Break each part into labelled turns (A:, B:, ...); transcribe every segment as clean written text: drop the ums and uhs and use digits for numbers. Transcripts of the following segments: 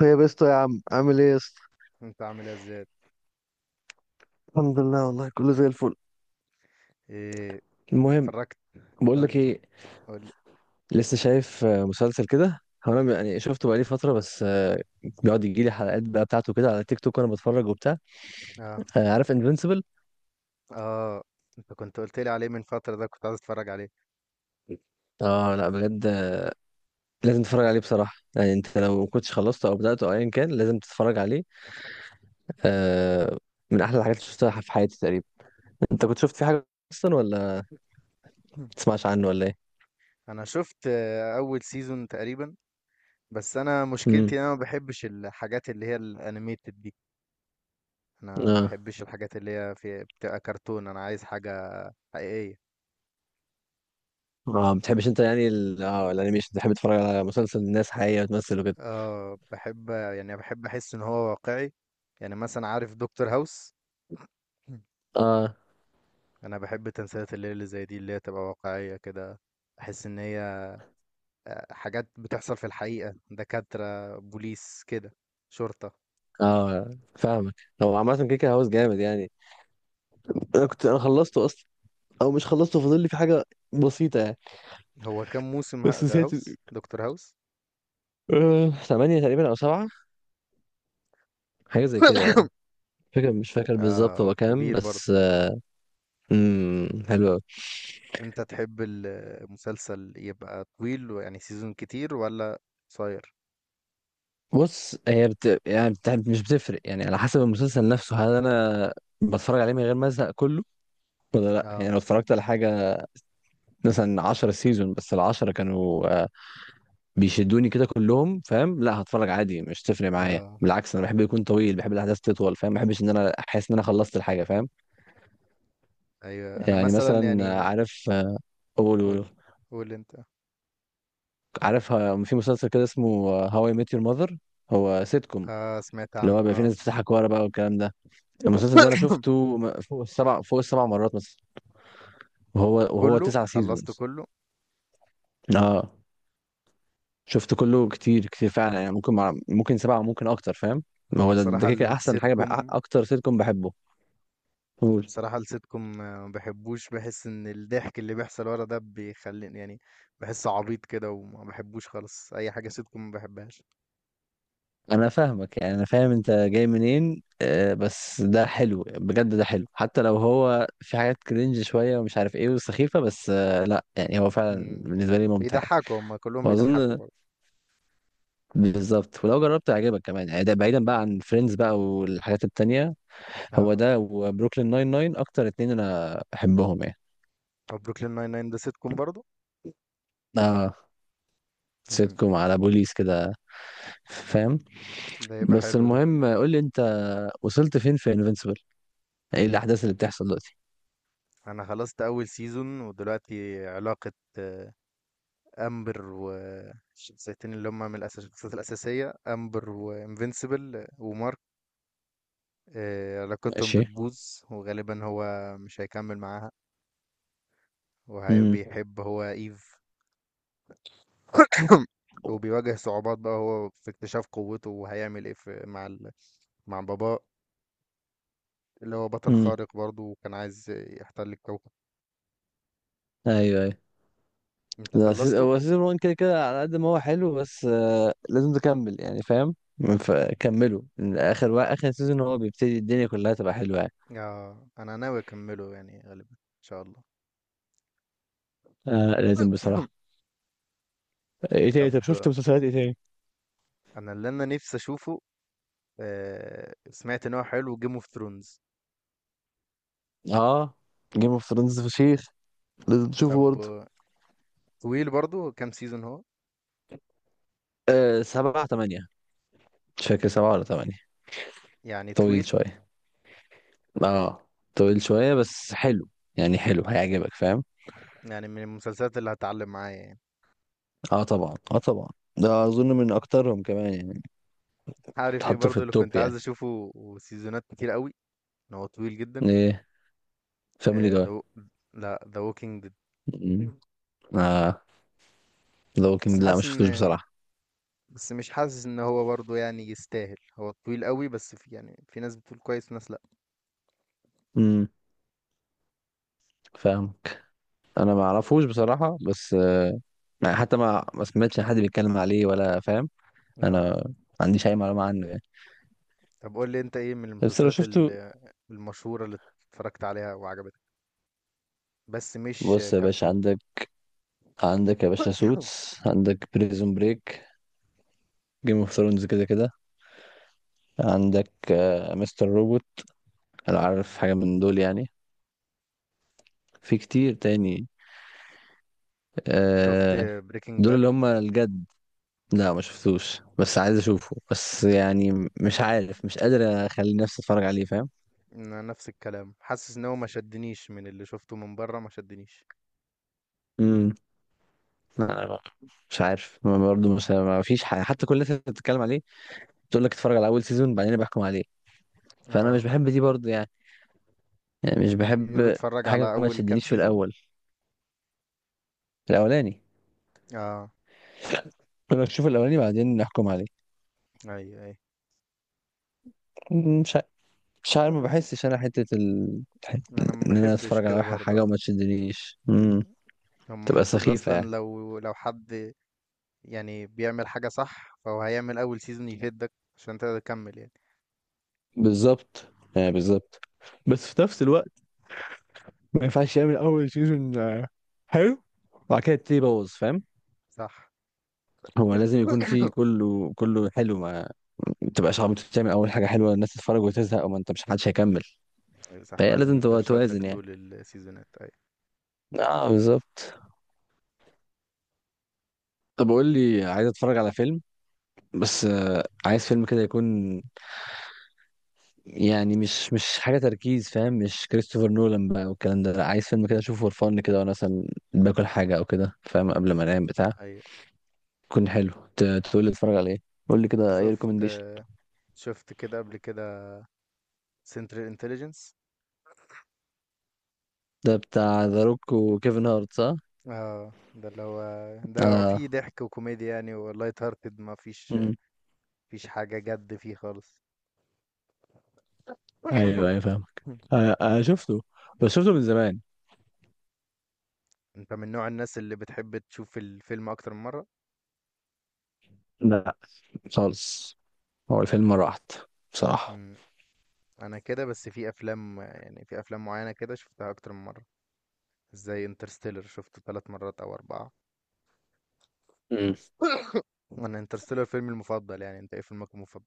A: طيب يا اسطى يا عم عامل ايه يا اسطى.
B: انت عامل ايه زياد؟
A: الحمد لله، والله كله زي الفل.
B: ايه؟
A: المهم،
B: اتفرجت؟
A: بقول
B: قول
A: لك
B: لي،
A: ايه،
B: قول لي.
A: لسه شايف مسلسل كده، هو انا يعني شفته بقالي فتره بس بيقعد يجي لي حلقات بقى بتاعته كده على تيك توك وانا بتفرج وبتاع.
B: اه.
A: عارف انفينسيبل؟
B: اه، انت كنت قلت لي عليه من فترة، ده كنت عايز اتفرج عليه.
A: اه لا بجد، لازم تتفرج عليه بصراحه، يعني انت لو ما كنتش خلصته او بداته او ايا كان لازم تتفرج عليه. آه، من احلى الحاجات اللي شفتها في حياتي تقريبا. انت كنت شفت فيه حاجه اصلا، ولا ما
B: مم.
A: تسمعش عنه ولا ايه؟
B: انا شفت اول سيزون تقريبا. بس انا مشكلتي إن انا ما بحبش الحاجات اللي هي الانيميتد دي. انا ما
A: امم.
B: بحبش الحاجات اللي هي في بتبقى كرتون، انا عايز حاجة حقيقية.
A: اه ما بتحبش انت يعني اه الانيميشن، بتحب تتفرج على مسلسل الناس حقيقية وتمثل وكده.
B: اه، بحب يعني بحب احس ان هو واقعي. يعني مثلا عارف دكتور هاوس؟ مم.
A: اه
B: انا بحب تمثيلات الليل اللي زي دي، اللي هي تبقى واقعية كده. احس ان هي حاجات بتحصل في الحقيقة، دكاترة، بوليس كده، شرطة.
A: اه فاهمك. هو عامة كيكة هاوس جامد يعني، انا خلصته اصلا، او مش خلصته، فاضل لي في حاجة بسيطة يعني،
B: هو كام موسم
A: بس
B: ده،
A: نسيت.
B: هاوس، دكتور هاوس؟
A: آه، ثمانية تقريبا او سبعة، حاجة زي كده يعني. فاكر مش فاكر
B: اه،
A: بالظبط
B: هو
A: هو كام
B: كبير برضه.
A: بس. حلو أوي.
B: انت تحب المسلسل يبقى طويل يعني سيزون كتير، ولا قصير؟
A: بص، هي بت... يعني بت... مش بتفرق، يعني على حسب المسلسل نفسه، هل انا بتفرج عليه من غير ما ازهق كله ولا لا.
B: اه.
A: يعني لو اتفرجت على حاجة مثلا 10 سيزون بس العشرة كانوا بيشدوني كده كلهم، فاهم؟ لا هتفرج عادي، مش تفرق معايا،
B: اه.
A: بالعكس انا بحب يكون طويل، بحب الاحداث تطول، فاهم؟ ما بحبش ان انا احس ان انا خلصت الحاجه، فاهم؟
B: ايوه، انا
A: يعني
B: مثلا
A: مثلا
B: يعني.
A: عارف قول
B: قول،
A: قول
B: قول انت.
A: عارف في مسلسل كده اسمه هواي ميت يور ماذر، هو سيت كوم،
B: اه سمعت
A: اللي هو
B: عنه،
A: بيبقى في
B: اه.
A: ناس بتضحك ورا بقى والكلام ده. المسلسل ده انا شفته فوق السبع مرات مثلا، وهو
B: كله،
A: تسع
B: خلصت
A: سيزونز.
B: كله.
A: اه شفت كله، كتير كتير فعلا يعني، ممكن سبعة، ممكن أكتر، فاهم؟ ما
B: انا
A: هو ده
B: بصراحة
A: كده أحسن
B: السيت
A: حاجة،
B: كوم
A: أكتر سيتكم بحبه. قول.
B: بصراحة السيت كوم ما بحبوش، بحس ان الضحك اللي بيحصل ورا ده بيخليني يعني بحس عبيط كده، وما بحبوش خالص، اي حاجة سيت كوم ما بحبهاش.
A: أنا فاهمك، يعني أنا فاهم أنت جاي منين، آه بس ده حلو بجد، ده حلو حتى لو هو في حاجات كرنج شوية ومش عارف إيه وسخيفة، بس آه لا يعني هو فعلا
B: مم.
A: بالنسبة لي ممتع يعني.
B: بيضحكوا هما كلهم بيضحكوا
A: وأظن
B: برضه.
A: بالظبط ولو جربت هيعجبك كمان يعني، ده بعيدا بقى عن فريندز بقى والحاجات التانية، هو
B: اه،
A: ده وبروكلين ناين ناين أكتر اتنين أنا بحبهم يعني.
B: وبروكلين ناين ناين ده سيت كوم برضه؟
A: آه
B: مم.
A: سيتكم على بوليس كده، فاهم؟
B: ده يبقى
A: بس
B: حلو ده.
A: المهم قول لي انت، وصلت فين في انفينسيبل؟ ايه الاحداث اللي بتحصل دلوقتي؟
B: انا خلصت اول سيزون، ودلوقتي علاقة آه، امبر والشخصيتين اللي هما من الشخصيات الاساسية، امبر وانفينسيبل ومارك، علاقتهم
A: ماشي.
B: بتبوظ. وغالبا هو مش هيكمل معاها،
A: امم.
B: وبيحب هو ايف. وبيواجه صعوبات بقى هو في اكتشاف قوته، وهيعمل ايه في مع ال... مع بابا اللي هو بطل
A: امم.
B: خارق برضه وكان عايز يحتل الكوكب.
A: ايوه ايوه.
B: انت
A: لا
B: خلصته؟
A: هو سيزون 1 كده كده، على قد ما هو حلو بس لازم تكمل يعني، فاهم؟ فكملوا، اخر سيزون هو بيبتدي الدنيا كلها تبقى حلوه يعني.
B: آه انا ناوي اكمله يعني غالبا ان شاء الله.
A: آه لازم بصراحه. ايه
B: طب،
A: تاني؟ طب شفت مسلسلات ايه تاني؟
B: انا اللي انا نفسي اشوفه، آه سمعت ان هو حلو، جيم اوف ثرونز.
A: اه جيم اوف ثرونز فشيخ، لازم تشوفه
B: طب
A: برضه.
B: طويل برضه، كام سيزون هو؟
A: آه سبعة تمانية، مش فاكر سبعة ولا تمانية.
B: يعني
A: طويل
B: طويل؟
A: شوية، اه طويل شوية بس حلو يعني، حلو هيعجبك فاهم.
B: يعني من المسلسلات اللي هتعلم معايا يعني؟
A: اه طبعا، اه طبعا، ده اظن من اكترهم كمان يعني،
B: عارف ايه
A: تحطه في
B: برضه اللي كنت
A: التوب
B: عايز
A: يعني.
B: اشوفه وسيزونات كتير قوي، ان هو طويل جدا؟
A: ايه فاميلي
B: آه، The
A: جاي.
B: Wa- لا ذا ووكينج ديد.
A: مم. اه ذا
B: بس
A: ووكينج، لا ما
B: حاسس ان
A: شفتوش
B: يعني،
A: بصراحة.
B: بس مش حاسس ان هو برضه يعني يستاهل، هو طويل قوي، بس في يعني في ناس بتقول كويس وناس لا.
A: امم. فاهمك. انا ما اعرفوش بصراحة بس يعني حتى ما سمعتش حد بيتكلم عليه ولا، فاهم؟ انا
B: اه.
A: ما عنديش اي معلومة عنه يعني،
B: طب قول لي انت ايه من
A: بس لو شفته.
B: المشهورة اللي اتفرجت عليها وعجبتك، بس مش
A: بص يا باشا،
B: كرتون.
A: عندك، عندك يا باشا سوتس، عندك بريزون بريك، جيم اوف ثرونز كده كده، عندك مستر روبوت. هل عارف حاجة من دول يعني؟ في كتير تاني
B: شفت
A: آه.
B: بريكنج
A: دول
B: باد؟
A: اللي هم الجد. لا ما شفتوش بس عايز اشوفه، بس يعني مش عارف، مش قادر اخلي نفسي اتفرج عليه فاهم.
B: نفس الكلام، حاسس ان هو ما شدنيش، من اللي شفته من بره ما شدنيش.
A: امم. لا، مش عارف، ما برضه مش ما فيش حاجة، حتى كل الناس اللي بتتكلم عليه تقول لك اتفرج على اول سيزون بعدين أنا بحكم عليه، فانا مش
B: اه،
A: بحب دي برضه يعني، يعني مش
B: بيقولوا
A: بحب
B: اتفرج على
A: حاجة ما
B: اول كام
A: تشدنيش في
B: سيزون.
A: الاول الاولاني.
B: اه.
A: انا اشوف الاولاني بعدين نحكم عليه.
B: اي، اي.
A: مش مش عارف، ما بحسش انا حتة
B: انا ما
A: ان انا
B: بحبش
A: اتفرج على
B: كده
A: واحد
B: برضه،
A: حاجه
B: اه.
A: وما تشدنيش،
B: هم
A: تبقى
B: المفروض
A: سخيفه
B: اصلا
A: يعني.
B: لو حد يعني بيعمل حاجة صح، فهو هيعمل اول سيزون يهدك عشان تقدر تكمل يعني.
A: بالظبط يعني بالظبط، بس في نفس الوقت ما ينفعش يعمل اول سيزون حلو وبعد كده تبتدي يبوظ فاهم.
B: صح.
A: هو لازم يكون في كله حلو، ما تبقاش عم تعمل اول حاجه حلوه الناس تتفرج وتزهق وما انت مش حدش هيكمل.
B: ايوه صح،
A: فهي
B: لازم
A: لازم
B: يفضل
A: تبقى
B: شادك
A: توازن يعني،
B: طول السيزونات. ايوه.
A: اه بالظبط. طب قول لي، عايز اتفرج على فيلم بس عايز فيلم كده يكون يعني مش حاجه تركيز فاهم، مش كريستوفر نولان بقى والكلام ده، لا عايز فيلم كده اشوفه فور فن كده وانا مثلا باكل حاجه او كده فاهم، قبل ما انام بتاع
B: ايوه.
A: يكون حلو. تقول لي اتفرج على ايه؟ قول لي كده اي
B: شفت،
A: ريكومنديشن.
B: شفت كده قبل كده سنترال انتليجنس؟
A: ده بتاع ذا روك وكيفن هارت صح؟
B: اه، ده اللي هو، ده فيه
A: اه.
B: ضحك وكوميديا يعني، ولايت هارتد، ما فيش
A: مم.
B: حاجة جد فيه خالص.
A: ايوه ايوه فاهمك. آه آه شفته، بس شفته من زمان.
B: انت من نوع الناس اللي بتحب تشوف الفيلم اكتر من مرة؟
A: لا خالص، هو الفيلم مرة واحدة بصراحة.
B: انا كده، بس في افلام يعني في افلام معينه كده شفتها اكتر من مره، زي انترستيلر شفته 3 مرات او 4.
A: مم.
B: انا انترستيلر فيلمي المفضل، يعني انت ايه فيلمك المفضل؟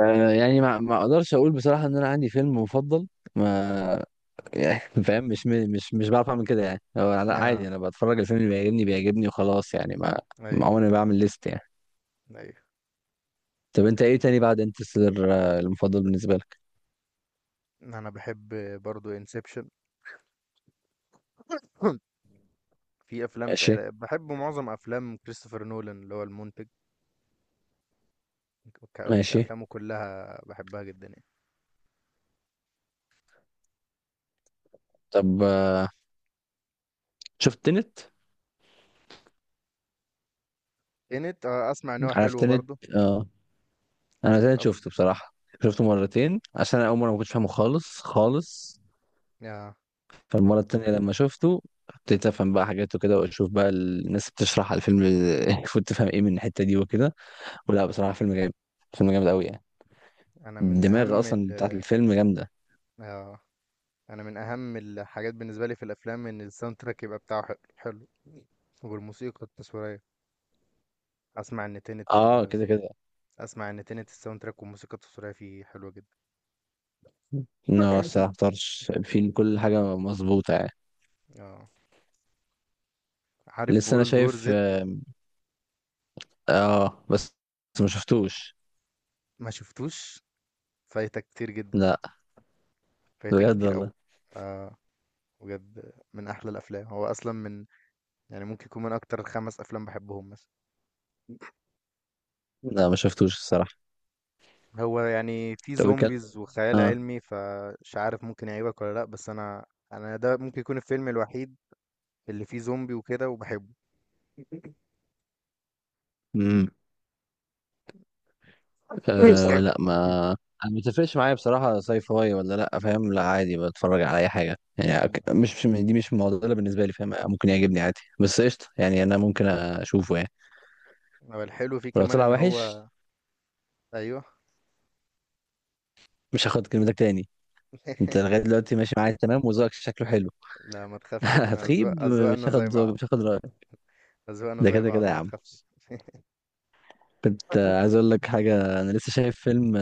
A: آه يعني ما اقدرش اقول بصراحة ان انا عندي فيلم مفضل، ما يعني فاهم مش بعرف اعمل كده يعني، هو لا
B: آه.
A: عادي انا بتفرج الفيلم اللي بيعجبني بيعجبني وخلاص يعني، ما
B: اي.
A: ما عمري ما بعمل ليست يعني.
B: اي.
A: طب انت ايه تاني بعد انترستيلر المفضل بالنسبه لك؟
B: انا بحب برضو انسبشن. في افلام
A: ماشي.
B: بحب معظم افلام كريستوفر نولان اللي هو المنتج،
A: ماشي.
B: افلامه كلها بحبها جدا.
A: طب شفت تنت؟
B: يعني انت اسمع ان هو
A: عارف
B: حلو
A: تنت؟
B: برضو؟
A: اه انا تنت
B: أف-
A: شفته بصراحه، شفته مرتين عشان انا اول مره ما كنتش فاهمه خالص خالص،
B: آه.
A: فالمره التانيه لما شفته ابتديت افهم بقى حاجات وكده واشوف بقى الناس بتشرح على الفيلم المفروض تفهم ايه من الحته دي وكده، ولا بصراحه فيلم جامد، فيلم جامد قوي يعني،
B: انا من
A: الدماغ
B: اهم
A: اصلا
B: ال،
A: بتاعت الفيلم جامده.
B: آه. انا من اهم الحاجات بالنسبه لي في الافلام ان الساوند تراك يبقى بتاعه حلو حلو، والموسيقى التصويريه. اسمع ان تنت
A: اه
B: ال...
A: كده كده.
B: اسمع ان تنت الساوند تراك والموسيقى التصويريه فيه حلوه جدا.
A: لا بس ما اختارش، في كل حاجه مظبوطه يعني.
B: اه، عارف
A: لسه انا
B: وورلد وور
A: شايف
B: زد؟
A: اه، بس بس ما شفتوش.
B: ما شفتوش؟ فايتك كتير جدا،
A: لا
B: فايتك
A: بجد
B: كتير
A: والله،
B: قوي، آه بجد من احلى الافلام، هو اصلا من، يعني ممكن يكون من اكتر 5 افلام بحبهم مثلا.
A: لا ما شفتوش الصراحه.
B: هو يعني في
A: طب بيتكلم
B: زومبيز وخيال
A: اه.
B: علمي، فمش عارف ممكن يعيبك ولا لا، بس انا ده ممكن يكون الفيلم الوحيد اللي فيه زومبي وكده وبحبه.
A: امم. آه لا ما، انا ما بتفرقش معايا بصراحه ساي فاي ولا لا فاهم، لا عادي بتفرج على اي حاجه يعني، دي مش معضله بالنسبه لي فاهم، ممكن يعجبني عادي، بس قشطه يعني انا ممكن اشوفه يعني.
B: هو الحلو فيه
A: ولو
B: كمان
A: طلع
B: ان
A: وحش
B: هو. ايوه.
A: مش هاخد كلمتك تاني. انت لغايه دلوقتي ماشي معايا تمام وذوقك شكله حلو.
B: لا ما تخافش، احنا أذواق،
A: هتخيب، مش
B: اذواقنا زي
A: هاخد ذوقك،
B: بعض،
A: مش هاخد رايك.
B: اذواقنا
A: ده
B: زي
A: كده كده
B: بعض
A: يا
B: ما
A: عم.
B: تخافش.
A: كنت عايز اقول لك حاجه، انا لسه شايف فيلم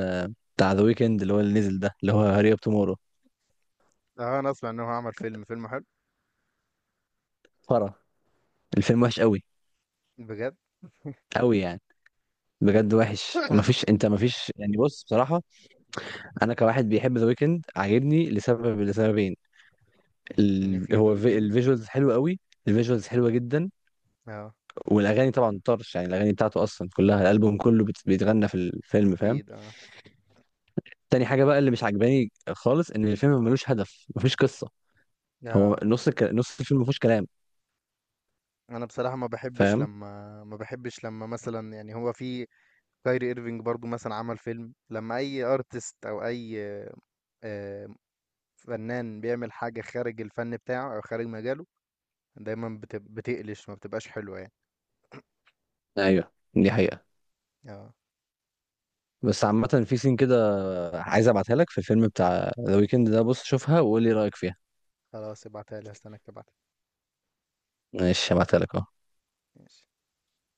A: بتاع ذا ويكند اللي هو اللي نزل ده، اللي هو هاري اب تومورو.
B: اه، انا اسمع ان هو عمل فيلم، فيلم حلو.
A: فرا الفيلم وحش قوي،
B: بجد؟
A: قوي يعني، بجد وحش، مفيش يعني، بص بصراحه انا كواحد بيحب ذا ويكند عاجبني لسبب، لسببين.
B: ان فيه ذا ويكند.
A: الفيجوالز حلو قوي، الفيجوالز حلوه جدا،
B: اه،
A: والاغاني طبعا طرش يعني، الاغاني بتاعته اصلا كلها الالبوم كله بيتغنى في الفيلم فاهم.
B: اكيد، اه.
A: تاني حاجة بقى اللي مش عجباني خالص ان الفيلم ملوش هدف، مفيش قصة، هو
B: اه،
A: نص الفيلم مفيهوش كلام
B: انا بصراحة ما بحبش
A: فاهم.
B: لما، مثلا يعني هو في كايري ايرفينج برضو مثلا عمل فيلم، لما اي ارتست او اي آه، فنان بيعمل حاجة خارج الفن بتاعه او خارج مجاله، دايما بتقلش، ما بتبقاش حلوة يعني.
A: ايوه دي حقيقة.
B: اه.
A: بس عامة في سين كده عايز ابعتها لك في الفيلم بتاع ذا ويكند ده، بص شوفها وقول لي رأيك فيها.
B: خلاص ابعتها لي، هستناك تبعتها.
A: ماشي هبعتها لك اهو.
B: ماشي.